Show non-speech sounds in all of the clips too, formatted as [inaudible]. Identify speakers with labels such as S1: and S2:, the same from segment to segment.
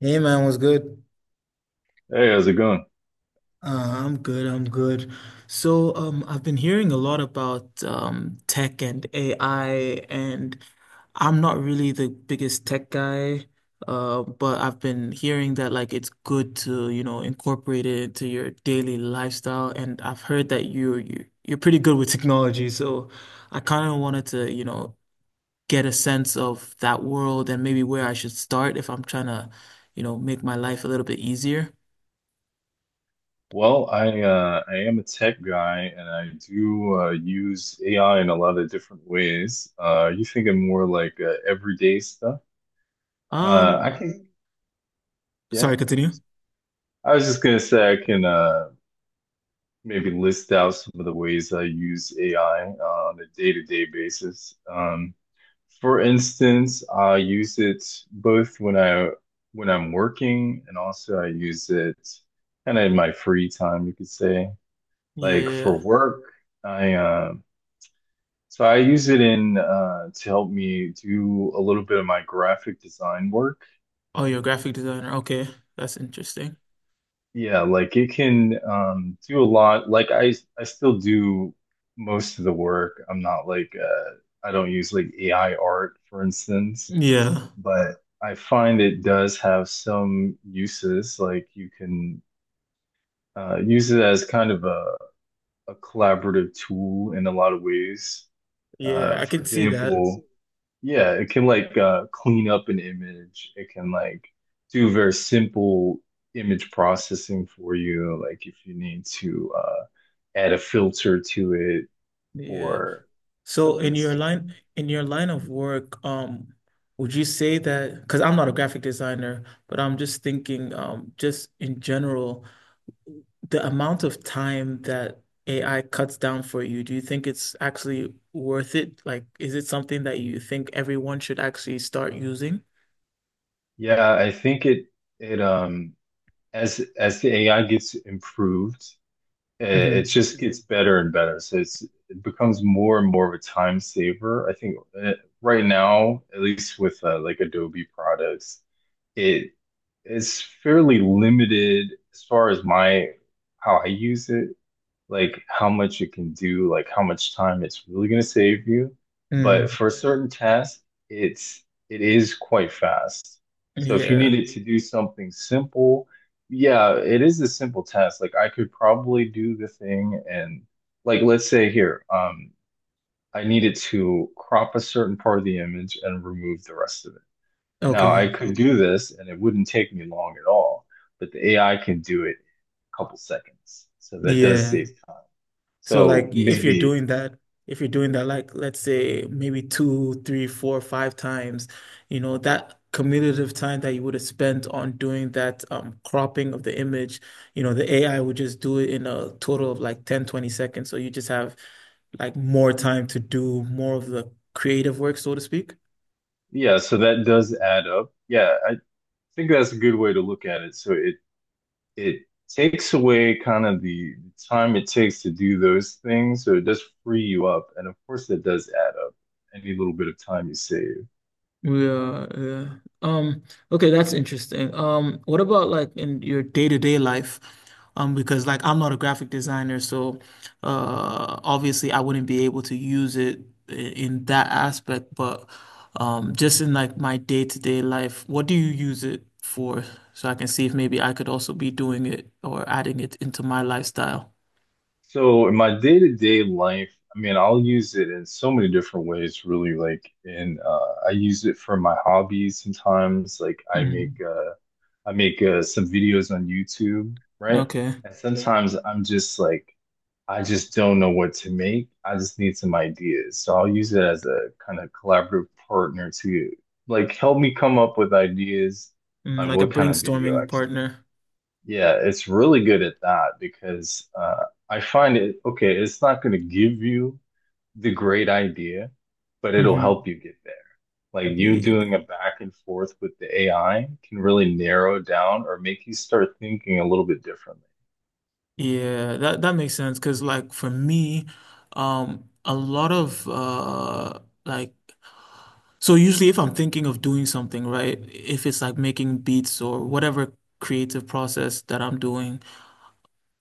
S1: Hey man, what's good?
S2: Hey, how's it going?
S1: I'm good. I've been hearing a lot about tech and AI, and I'm not really the biggest tech guy, but I've been hearing that like it's good to, you know, incorporate it into your daily lifestyle, and I've heard that you're pretty good with technology, so I kind of wanted to, get a sense of that world and maybe where I should start if I'm trying to, make my life a little bit easier.
S2: Well, I am a tech guy and I do use AI in a lot of different ways. You thinking more like everyday stuff?
S1: Um,
S2: I can, yeah.
S1: Sorry, continue.
S2: I was just gonna say I can maybe list out some of the ways I use AI on a day-to-day basis. For instance, I use it both when I'm working, and also I use it kind of in my free time, you could say. Like for
S1: Yeah.
S2: work, I so I use it in to help me do a little bit of my graphic design work.
S1: Oh, you're a graphic designer. Okay. That's interesting.
S2: Yeah, like it can do a lot. Like I still do most of the work. I'm not like I don't use like AI art, for instance,
S1: Yeah.
S2: but I find it does have some uses. Like you can use it as kind of a collaborative tool in a lot of ways.
S1: Yeah,
S2: Uh,
S1: I
S2: for
S1: can see that.
S2: example, Yeah, it can like clean up an image. It can like do very simple image processing for you, like if you need to add a filter to it
S1: Yeah.
S2: or
S1: So
S2: something simple.
S1: in your line of work, would you say that because I'm not a graphic designer, but I'm just thinking, just in general, the amount of time that AI cuts down for you, do you think it's actually worth it? Like, is it something that you think everyone should actually start using?
S2: Yeah, I think it as the AI gets improved, it
S1: Mm-hmm.
S2: just gets better and better. So it becomes more and more of a time saver. I think uh, right now, at least with like Adobe products, it is fairly limited as far as my how I use it, like how much it can do, like how much time it's really going to save you. But
S1: Mm.
S2: for a certain task, it's it is quite fast. So if you
S1: Yeah.
S2: needed to do something simple, yeah, it is a simple task. Like I could probably do the thing, and like let's say here, I needed to crop a certain part of the image and remove the rest of it. Now I
S1: Okay.
S2: could do this and it wouldn't take me long at all, but the AI can do it in a couple seconds. So that does
S1: Yeah.
S2: save time.
S1: So
S2: So
S1: like if you're
S2: maybe,
S1: doing that, if you're doing that like let's say maybe two, three, four, five times, you know, that commutative time that you would have spent on doing that cropping of the image, you know, the AI would just do it in a total of like 10, 20 seconds. So you just have like more time to do more of the creative work, so to speak.
S2: yeah, so that does add up. Yeah, I think that's a good way to look at it. So it takes away kind of the time it takes to do those things, so it does free you up. And of course that does add up, any little bit of time you save.
S1: Yeah, yeah. Okay, that's interesting. What about like in your day-to-day life? Because like I'm not a graphic designer, so obviously I wouldn't be able to use it in that aspect, but just in like my day-to-day life, what do you use it for? So I can see if maybe I could also be doing it or adding it into my lifestyle.
S2: So in my day-to-day life, I mean, I'll use it in so many different ways, really. Like in I use it for my hobbies sometimes.
S1: Hmm.
S2: I make some videos on YouTube, right?
S1: Okay.
S2: And sometimes I'm just like, I just don't know what to make. I just need some ideas. So I'll use it as a kind of collaborative partner to like help me come up with ideas
S1: Mm,
S2: on
S1: like a
S2: what kind of video I
S1: brainstorming
S2: can.
S1: partner.
S2: Yeah, it's really good at that because I find it okay, it's not going to give you the great idea, but it'll
S1: Hmm.
S2: help you get there. Like you doing
S1: Yeah.
S2: a back and forth with the AI can really narrow down or make you start thinking a little bit differently.
S1: Yeah, that makes sense because like for me, a lot of like so usually if I'm thinking of doing something, right, if it's like making beats or whatever creative process that I'm doing,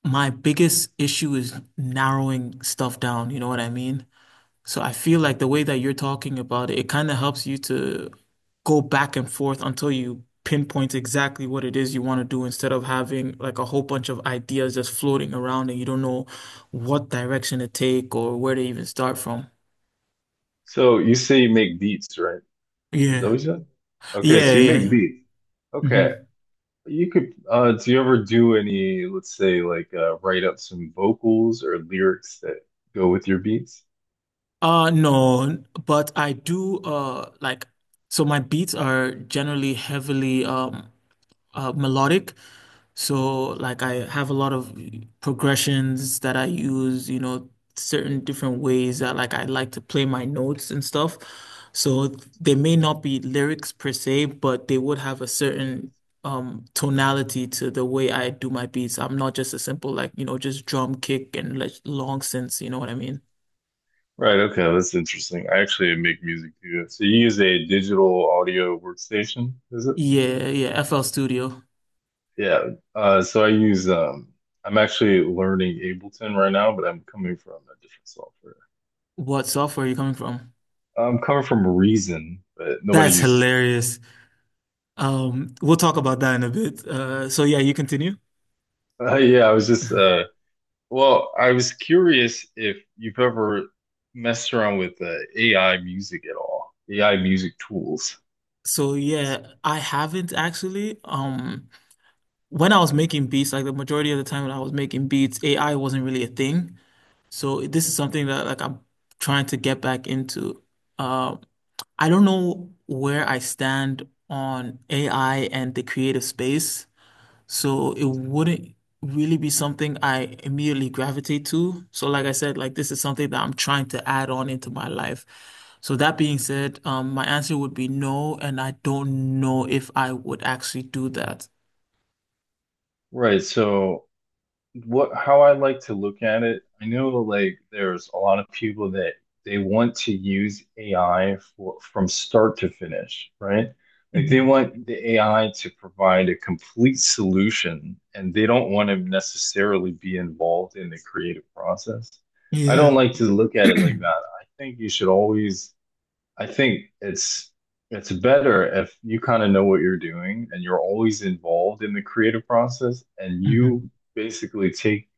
S1: my biggest issue is narrowing stuff down, you know what I mean? So I feel like the way that you're talking about it, it kind of helps you to go back and forth until you pinpoint exactly what it is you want to do instead of having like a whole bunch of ideas just floating around and you don't know what direction to take or where to even start from.
S2: So you say you make beats, right? Is that what
S1: Yeah.
S2: you said? Okay,
S1: Yeah,
S2: so you make
S1: yeah.
S2: beats.
S1: Hmm.
S2: Okay. You could do you ever do any, let's say like write up some vocals or lyrics that go with your beats?
S1: No, but I do like so my beats are generally heavily melodic. So like I have a lot of progressions that I use, you know, certain different ways that like I like to play my notes and stuff. So they may not be lyrics per se, but they would have a certain tonality to the way I do my beats. I'm not just a simple like, you know, just drum kick and like long synths, you know what I mean?
S2: Right, okay, that's interesting. I actually make music too. So you use a digital audio workstation, is it?
S1: Yeah, yeah, FL Studio.
S2: Yeah. So I use I'm actually learning Ableton right now, but I'm coming from a different software.
S1: What software are you coming from?
S2: I'm coming from Reason, but nobody
S1: That's
S2: uses.
S1: hilarious. We'll talk about that in a bit. So yeah, you continue.
S2: Yeah, I was just
S1: [laughs]
S2: Well, I was curious if you've ever messed around with AI music at all, AI music tools.
S1: So yeah, I haven't actually. When I was making beats, like the majority of the time when I was making beats, AI wasn't really a thing. So this is something that like I'm trying to get back into. Um, I don't know where I stand on AI and the creative space. So it wouldn't really be something I immediately gravitate to. So like I said, like this is something that I'm trying to add on into my life. So that being said, my answer would be no, and I don't know if I would actually do that.
S2: Right. So what how I like to look at it, I know like there's a lot of people that they want to use AI for, from start to finish, right? Like they
S1: Hmm.
S2: want the AI to provide a complete solution and they don't want to necessarily be involved in the creative process. I
S1: Yeah.
S2: don't like to look at it
S1: [clears throat]
S2: like that. I think you should always I think it's better if you kind of know what you're doing and you're always involved in the creative process, and
S1: Hmm.
S2: you basically take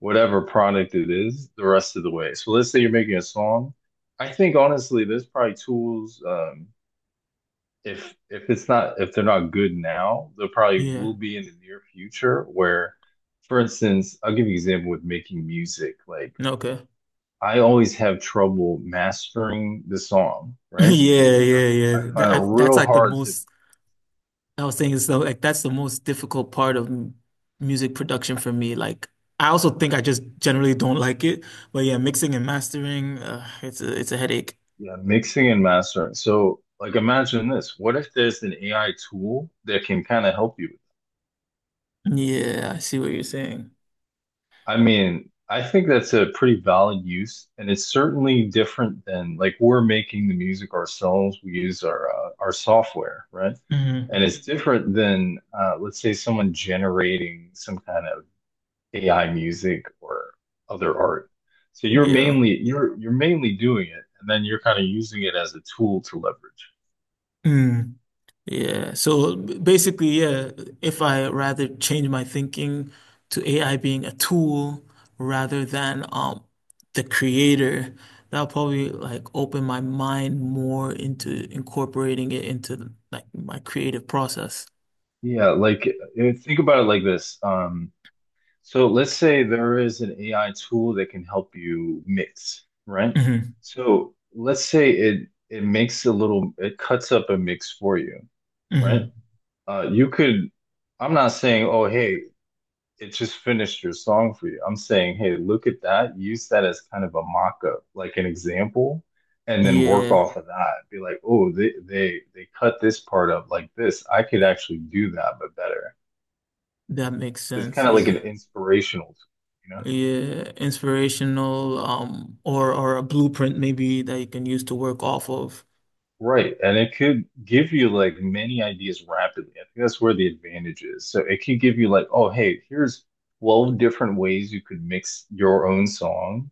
S2: whatever product it is the rest of the way. So let's say you're making a song. I think honestly, there's probably tools if it's not if they're not good now, they probably
S1: Yeah.
S2: will be in the near future where, for instance, I'll give you an example with making music. Like
S1: Okay.
S2: I always have trouble mastering the song,
S1: [laughs]
S2: right?
S1: Yeah,
S2: I
S1: yeah, yeah.
S2: I find it
S1: That's
S2: real
S1: like the
S2: hard to
S1: most I was saying so like that's the most difficult part of music production for me. Like I also think I just generally don't like it, but yeah, mixing and mastering, it's a headache.
S2: yeah, mixing and mastering. So, like, imagine this. What if there's an AI tool that can kind of help you?
S1: Yeah, I see what you're saying.
S2: I mean, I think that's a pretty valid use, and it's certainly different than like we're making the music ourselves. We use our software, right?
S1: Hmm.
S2: And it's different than let's say someone generating some kind of AI music or other art. So you're
S1: Yeah.
S2: mainly you're you're mainly doing it, and then you're kind of using it as a tool to leverage.
S1: Mm. Yeah. So basically, yeah, if I rather change my thinking to AI being a tool rather than the creator, that'll probably like open my mind more into incorporating it into like my creative process.
S2: Yeah, like think about it like this. So let's say there is an AI tool that can help you mix, right?
S1: Hmm.
S2: So let's say it makes a little it cuts up a mix for you, right?
S1: Hmm.
S2: You could I'm not saying, oh, hey, it just finished your song for you. I'm saying, hey, look at that. Use that as kind of a mock-up, like an example, and then work
S1: Yeah,
S2: off of that. Be like, oh, they cut this part up like this. I could actually do that, but better.
S1: that makes
S2: So it's
S1: sense.
S2: kind of like
S1: Yeah.
S2: an inspirational tool, you know?
S1: Yeah, inspirational or a blueprint maybe that you can use to work off of.
S2: Right. And it could give you like many ideas rapidly. I think that's where the advantage is. So it could give you like, oh, hey, here's 12 different ways you could mix your own song,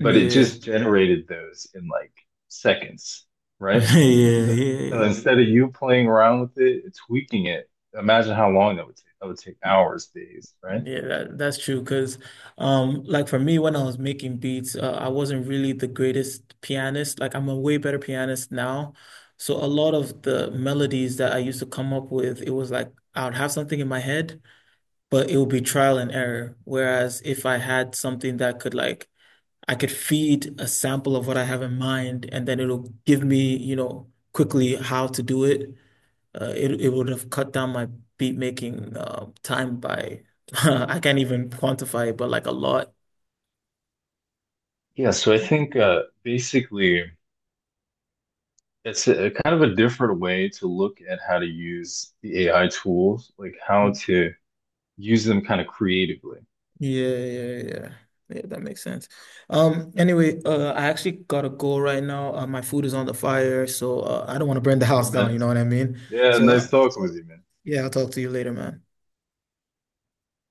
S2: but it just
S1: [laughs]
S2: generated those in like seconds, right?
S1: Yeah, yeah,
S2: So, so
S1: yeah.
S2: instead of you playing around with it, it's tweaking it. Imagine how long that would take. That would take hours, days, right?
S1: Yeah, that's true. Because, like for me, when I was making beats, I wasn't really the greatest pianist. Like I'm a way better pianist now. So a lot of the melodies that I used to come up with, it was like I would have something in my head, but it would be trial and error. Whereas if I had something that could like I could feed a sample of what I have in mind, and then it'll give me, you know, quickly how to do it. It would have cut down my beat making time by [laughs] I can't even quantify it, but like a lot.
S2: Yeah, so I think basically it's a kind of a different way to look at how to use the AI tools, like how
S1: Mm.
S2: to use them kind of creatively.
S1: Yeah, yeah, yeah. Yeah, that makes sense. Anyway, I actually gotta go right now. My food is on the fire, so I don't want to burn the
S2: Right,
S1: house down.
S2: man?
S1: You know what I mean?
S2: Yeah,
S1: So
S2: nice talking with you, man.
S1: yeah, I'll talk to you later, man.